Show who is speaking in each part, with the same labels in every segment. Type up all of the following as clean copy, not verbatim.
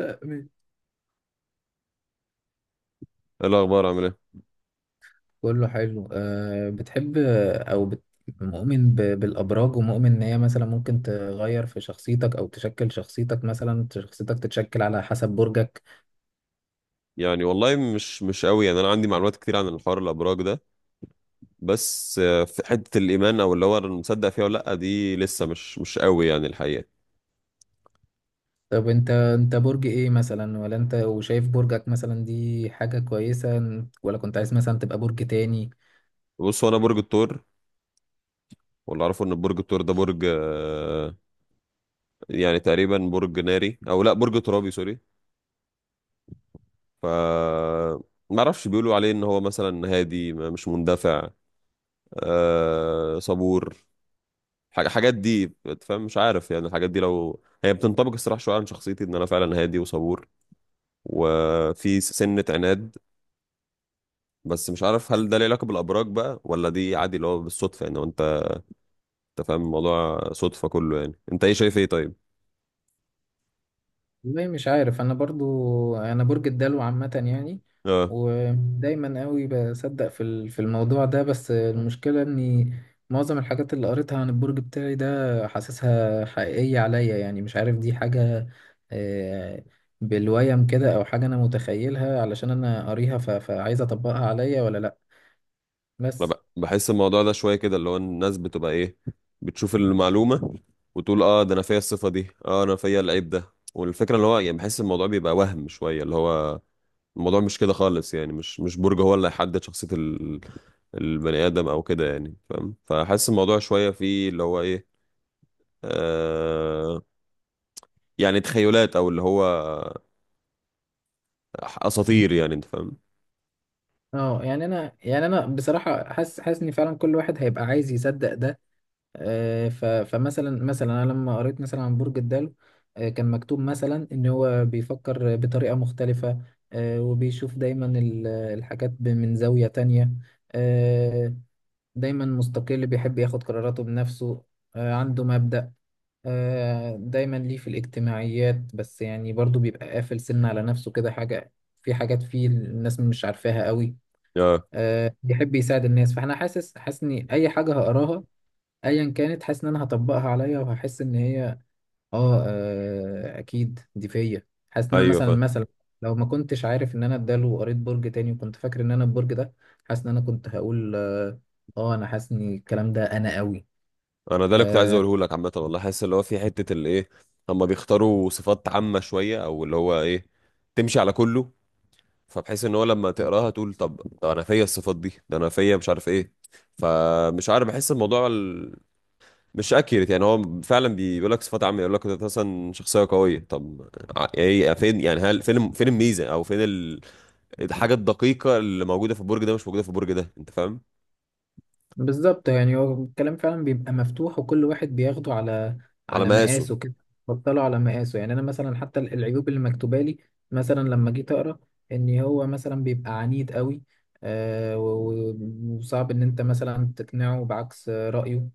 Speaker 1: أمين،
Speaker 2: إيه الاخبار؟ عامل ايه؟
Speaker 1: كله حلو. بتحب مؤمن بالابراج، ومؤمن ان هي مثلا ممكن تغير في شخصيتك او تشكل شخصيتك، مثلا شخصيتك تتشكل على حسب برجك؟
Speaker 2: يعني والله مش قوي، يعني انا عندي معلومات كتير عن الحوار الابراج ده. بس في حته الايمان او اللي هو انا مصدق فيها ولا لا، دي لسه مش قوي يعني الحقيقه.
Speaker 1: طب انت برج ايه مثلا، ولا انت وشايف برجك مثلا دي حاجة كويسة، ولا كنت عايز مثلا تبقى برج تاني؟
Speaker 2: بص، هو انا برج الثور. واللي اعرفه ان برج الثور ده برج، يعني تقريبا برج ناري او لا برج ترابي، سوري. ف ما اعرفش، بيقولوا عليه ان هو مثلا هادي، مش مندفع، صبور، حاجات دي. فاهم. مش عارف يعني الحاجات دي لو هي بتنطبق الصراحه شويه عن شخصيتي، ان انا فعلا هادي وصبور وفي سنة عناد. بس مش عارف هل ده ليه علاقة بالأبراج بقى، ولا دي عادي اللي هو بالصدفة يعني. وانت فاهم الموضوع صدفة كله، يعني انت ايه شايف ايه طيب؟
Speaker 1: والله مش عارف انا، برضو انا برج الدلو عامة يعني.
Speaker 2: اه،
Speaker 1: ودايما قوي بصدق في في الموضوع ده، بس المشكلة اني معظم الحاجات اللي قريتها عن البرج بتاعي ده حاسسها حقيقية عليا، يعني مش عارف دي حاجة آه، بالويم كده او حاجة انا متخيلها علشان انا قاريها، فعايز اطبقها عليا ولا لا.
Speaker 2: انا
Speaker 1: بس
Speaker 2: بحس الموضوع ده شوية كده، اللي هو الناس بتبقى ايه، بتشوف المعلومة وتقول اه ده انا فيا الصفة دي، اه انا فيا العيب ده. والفكرة اللي هو يعني بحس الموضوع بيبقى وهم شوية، اللي هو الموضوع مش كده خالص يعني. مش برج هو اللي هيحدد شخصية البني آدم او كده يعني، فاهم؟ فحاسس الموضوع شوية فيه اللي هو ايه، آه، يعني تخيلات او اللي هو اساطير، يعني انت فاهم.
Speaker 1: اه يعني انا بصراحة حاسس ان فعلا كل واحد هيبقى عايز يصدق ده. فمثلا انا لما قريت مثلا عن برج الدلو، كان مكتوب مثلا ان هو بيفكر بطريقة مختلفة، وبيشوف دايما الحاجات من زاوية تانية. آه، دايما مستقل، بيحب ياخد قراراته بنفسه، عنده مبدأ، دايما ليه في الاجتماعيات، بس يعني برضو بيبقى قافل سن على نفسه كده حاجة، في حاجات فيه الناس مش عارفاها قوي.
Speaker 2: اه،
Speaker 1: بيحب يساعد الناس، فاحنا حاسس ان اي حاجة هقراها ايا كانت، حاسس ان انا هطبقها عليا وهحس ان هي اكيد دي فيا. حاسس ان انا
Speaker 2: ايوه
Speaker 1: مثلا
Speaker 2: فاهم
Speaker 1: مثلا لو ما كنتش عارف ان انا اداله وقريت برج تاني وكنت فاكر ان انا البرج ده، حاسس ان انا كنت هقول اه. انا حاسس ان الكلام ده انا قوي.
Speaker 2: انا ده اللي كنت عايز اقوله لك عامه. والله حاسس اللي هو في حته اللي ايه، هم بيختاروا صفات عامه شويه، او اللي هو ايه تمشي على كله. فبحيث ان هو لما تقراها تقول طب ده انا فيا الصفات دي، ده انا فيا مش عارف ايه. فمش عارف بحس الموضوع مش اكيرت يعني. هو فعلا بيقول لك صفات عامه، يقول لك انت مثلا شخصيه قويه. طب ايه فين، يعني هل فين فين الميزه او فين الحاجة الدقيقة اللي موجودة في البرج ده مش موجودة في البرج ده، انت فاهم.
Speaker 1: بالظبط، يعني هو الكلام فعلا بيبقى مفتوح وكل واحد بياخده على
Speaker 2: على مقاسه.
Speaker 1: مقاسه كده. بطله على مقاسه، يعني انا مثلا حتى العيوب اللي مكتوبه لي مثلا لما جيت اقرا ان هو مثلا بيبقى عنيد قوي، وصعب ان انت مثلا تقنعه بعكس رايه.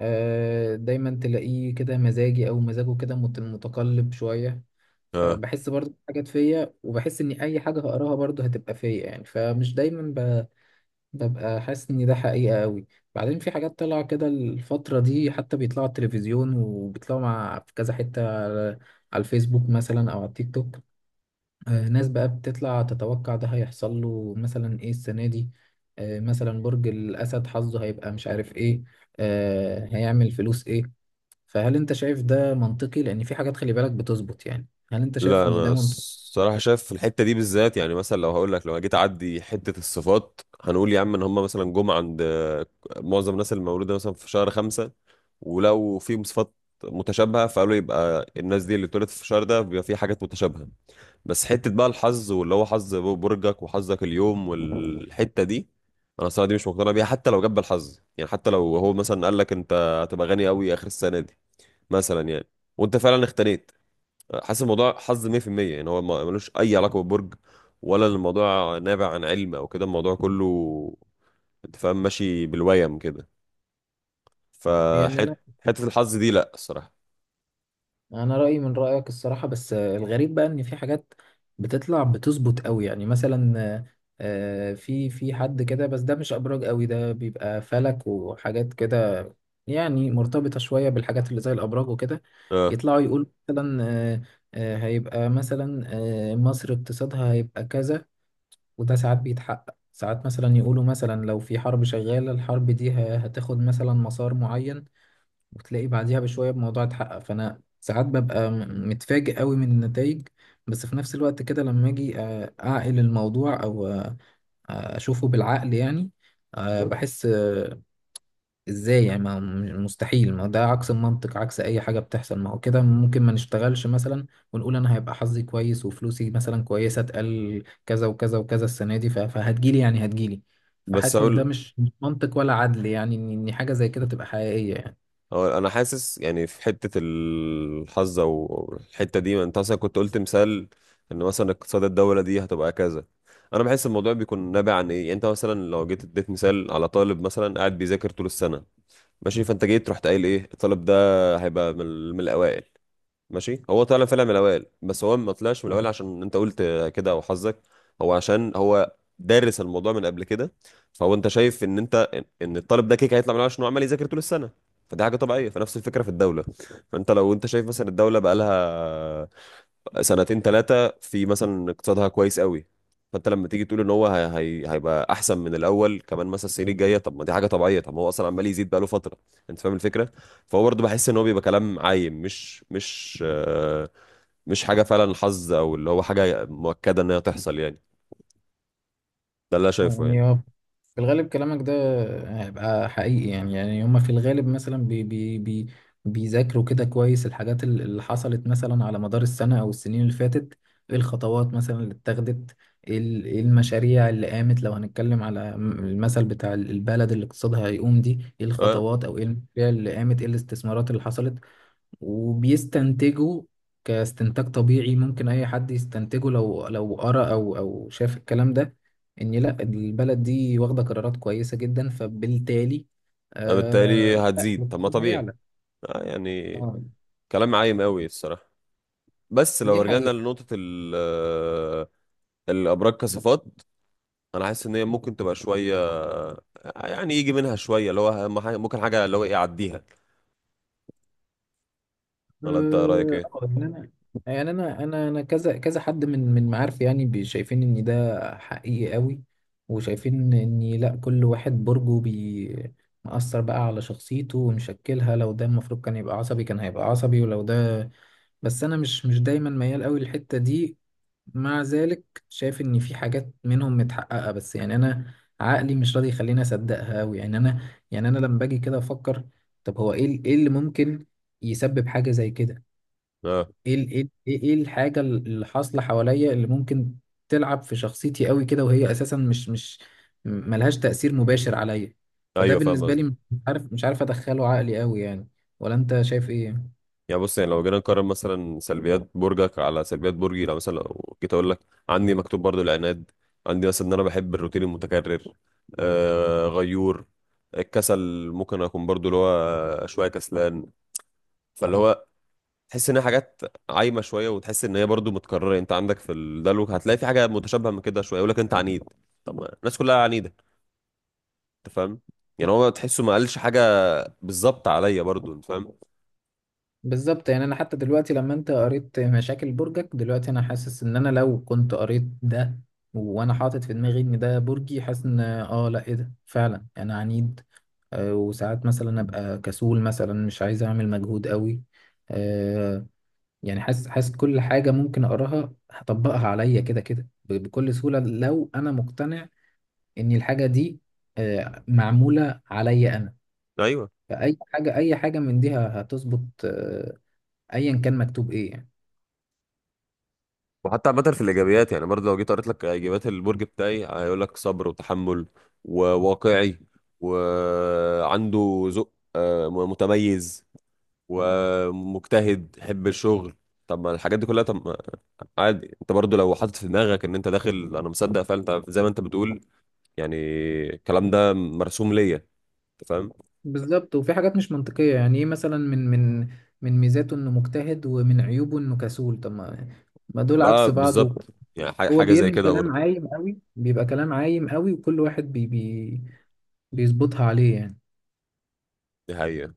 Speaker 1: دايما تلاقيه كده مزاجي، او مزاجه كده متقلب شويه.
Speaker 2: اه،
Speaker 1: فبحس برضه في حاجات فيا، وبحس ان اي حاجه هقراها برضه هتبقى فيا يعني، فمش دايما ببقى حاسس ان ده حقيقة قوي. بعدين في حاجات طالعة كده الفترة دي، حتى بيطلعوا على التلفزيون وبيطلعوا مع في كذا حتة على الفيسبوك مثلا او على التيك توك. ناس بقى بتطلع تتوقع ده هيحصل له مثلا ايه السنة دي، مثلا برج الاسد حظه هيبقى مش عارف ايه، هيعمل فلوس ايه. فهل انت شايف ده منطقي؟ لان في حاجات خلي بالك بتظبط يعني. هل انت شايف
Speaker 2: لا
Speaker 1: ان
Speaker 2: انا
Speaker 1: ده منطقي؟
Speaker 2: الصراحة شايف في الحتة دي بالذات، يعني مثلا لو هقول لك، لو جيت اعدي حتة الصفات هنقول يا عم، ان هم مثلا جم عند معظم الناس المولودة مثلا في شهر خمسة. ولو فيهم صفات متشابهة، فقالوا يبقى الناس دي اللي اتولدت في الشهر ده بيبقى في حاجات متشابهة. بس حتة بقى الحظ، واللي هو حظ برجك وحظك اليوم والحتة دي، انا الصراحة دي مش مقتنع بيها. حتى لو جاب بالحظ يعني، حتى لو هو مثلا قال لك انت هتبقى غني قوي اخر السنة دي مثلا يعني، وانت فعلا اختنيت، حاسس الموضوع حظ 100%. يعني هو ملوش اي علاقة بالبرج، ولا الموضوع نابع عن علم او كده. الموضوع كله انت فاهم ماشي بالويم كده.
Speaker 1: يعني
Speaker 2: فحت حتة الحظ دي لا الصراحة.
Speaker 1: انا رايي من رايك الصراحه، بس الغريب بقى ان في حاجات بتطلع بتظبط قوي يعني، مثلا في حد كده، بس ده مش ابراج قوي، ده بيبقى فلك وحاجات كده، يعني مرتبطه شويه بالحاجات اللي زي الابراج وكده.
Speaker 2: اه.
Speaker 1: يطلعوا يقول مثلا آه، هيبقى مثلا مصر اقتصادها هيبقى كذا، وده ساعات بيتحقق. ساعات مثلا يقولوا مثلا لو في حرب شغاله، الحرب دي هتاخد مثلا مسار معين، وتلاقي بعديها بشوية الموضوع اتحقق، فأنا ساعات ببقى متفاجئ قوي من النتائج. بس في نفس الوقت كده لما أجي أعقل الموضوع أو أشوفه بالعقل يعني، بحس إزاي يعني، ما هو مستحيل، ما ده عكس المنطق، عكس أي حاجة بتحصل. ما هو كده ممكن ما نشتغلش مثلا ونقول أنا هيبقى حظي كويس وفلوسي مثلا كويسة، اتقال كذا وكذا وكذا السنة دي، فهتجيلي يعني هتجيلي.
Speaker 2: بس
Speaker 1: فحاسس إن ده
Speaker 2: هقول،
Speaker 1: مش منطق ولا عدل يعني، إن حاجة زي كده تبقى حقيقية يعني.
Speaker 2: هو انا حاسس يعني في حته الحظ او الحته دي، ما انت مثلا كنت قلت مثال ان مثلا اقتصاد الدوله دي هتبقى كذا. انا بحس الموضوع بيكون نابع عن ايه، يعني انت مثلا لو جيت اديت مثال على طالب مثلا قاعد بيذاكر طول السنه ماشي، فانت جيت رحت قايل ايه، الطالب ده هيبقى من الاوائل. ماشي، هو طلع فعلا من الاوائل، بس هو ما طلعش من الاوائل عشان انت قلت كده او حظك، هو عشان هو دارس الموضوع من قبل كده. فهو انت شايف ان انت ان إن الطالب ده كيك هيطلع من الأوائل عشان هو عمال يذاكر طول السنه. فدي حاجه طبيعيه، فنفس الفكره في الدوله. فانت لو انت شايف مثلا الدوله بقى لها سنتين ثلاثة، في مثلا اقتصادها كويس قوي. فانت لما تيجي تقول ان هيبقى احسن من الاول كمان مثلا السنين الجاية، طب ما دي حاجة طبيعية، طب ما هو اصلا عمال يزيد بقاله فترة، انت فاهم الفكرة. فهو برضه بحس ان هو بيبقى كلام عايم مش حاجة فعلا حظ، او اللي هو حاجة مؤكدة انها تحصل يعني. ده اللي انا شايفه يعني.
Speaker 1: يعني هو في الغالب كلامك ده هيبقى حقيقي، يعني هما في الغالب مثلا بي بي بي بيذاكروا كده كويس الحاجات اللي حصلت مثلا على مدار السنة أو السنين اللي فاتت، ايه الخطوات مثلا اللي اتخذت، ايه إيه المشاريع اللي قامت. لو هنتكلم على المثل بتاع البلد اللي اقتصادها هيقوم دي، ايه
Speaker 2: اه،
Speaker 1: الخطوات أو ايه المشاريع اللي قامت، ايه الاستثمارات اللي حصلت. وبيستنتجوا كاستنتاج طبيعي ممكن اي حد يستنتجه، لو قرأ او شاف الكلام ده، ان لا البلد دي واخده قرارات كويسه جدا، فبالتالي
Speaker 2: بالتالي
Speaker 1: آه لا
Speaker 2: هتزيد. طب ما
Speaker 1: الاقتصاد
Speaker 2: طبيعي.
Speaker 1: هيعلى.
Speaker 2: اه يعني
Speaker 1: اه،
Speaker 2: كلام عايم قوي الصراحة. بس لو
Speaker 1: دي
Speaker 2: رجعنا
Speaker 1: حقيقة.
Speaker 2: لنقطة الأبراج كصفات، انا حاسس ان هي ممكن تبقى شويه يعني يجي منها شويه، اللي هو أهم ممكن حاجه اللي هو ايه اعديها.
Speaker 1: اه
Speaker 2: ولا انت رايك ايه؟
Speaker 1: يعني انا كذا كذا حد من معارفي، يعني شايفين ان ده حقيقي قوي، وشايفين ان لا كل واحد برجه مأثر بقى على شخصيته ومشكلها، لو ده المفروض كان يبقى عصبي كان هيبقى عصبي، ولو ده بس انا مش دايما ميال قوي للحتة دي. مع ذلك شايف ان في حاجات منهم متحققة، بس يعني انا عقلي مش راضي يخليني اصدقها قوي يعني. انا يعني انا لما باجي كده افكر طب هو ايه ايه اللي ممكن يسبب حاجة زي كده،
Speaker 2: اه،
Speaker 1: ايه إيه الحاجة اللي حاصلة حواليا اللي ممكن تلعب في شخصيتي قوي كده، وهي اساسا مش مش م- ملهاش تأثير مباشر عليا. فده
Speaker 2: ايوه، فاهم
Speaker 1: بالنسبة لي
Speaker 2: قصدك.
Speaker 1: مش عارف، مش عارف ادخله عقلي قوي يعني. ولا انت شايف ايه؟
Speaker 2: يعني بص، يعني لو جينا نقارن مثلا سلبيات برجك على سلبيات برجي، لو مثلا لو جيت اقول لك، عندي مكتوب برضو العناد. عندي مثلا ان انا بحب الروتين المتكرر، غيور، الكسل، ممكن اكون برضو اللي هو شويه كسلان. فاللي هو تحس ان هي حاجات عايمه شويه، وتحس ان هي برضو متكرره. انت عندك في الدلو هتلاقي في حاجه متشابهه من كده شويه، يقول لك انت عنيد. طب ما الناس كلها عنيده، انت فاهم. يعني هو تحسه ما قالش حاجه بالظبط عليا برضو، انت فاهم.
Speaker 1: بالظبط، يعني انا حتى دلوقتي لما انت قريت مشاكل برجك دلوقتي، انا حاسس ان انا لو كنت قريت ده وانا حاطط في دماغي ان ده برجي، حاسس ان اه لا ايه ده، فعلا انا عنيد، وساعات مثلا ابقى كسول مثلا مش عايز اعمل مجهود قوي. آه، يعني حاسس كل حاجة ممكن أقراها هطبقها عليا كده كده، بكل سهولة لو أنا مقتنع إن الحاجة دي معمولة عليا أنا.
Speaker 2: ايوه.
Speaker 1: فأي حاجة أي حاجة من دي هتظبط، أيا كان مكتوب إيه يعني.
Speaker 2: وحتى عامه في الايجابيات يعني، برضو لو جيت قريت لك ايجابيات البرج بتاعي، هيقول لك صبر وتحمل وواقعي وعنده ذوق متميز ومجتهد حب الشغل. طب ما الحاجات دي كلها، طب ما عادي. انت برضو لو حاطط في دماغك ان انت داخل انا مصدق فعلا، انت زي ما انت بتقول يعني الكلام ده مرسوم ليا، انت فاهم.
Speaker 1: بالظبط، وفي حاجات مش منطقية يعني، إيه مثلا من من ميزاته إنه مجتهد، ومن عيوبه إنه كسول، طب ما دول عكس
Speaker 2: يبقى
Speaker 1: بعض.
Speaker 2: بالظبط. يعني
Speaker 1: هو
Speaker 2: حاجه زي
Speaker 1: بيرمي
Speaker 2: كده
Speaker 1: كلام
Speaker 2: برضو.
Speaker 1: عايم قوي، بيبقى كلام عايم قوي، وكل واحد بي بي بيظبطها عليه يعني
Speaker 2: دي حقيقة.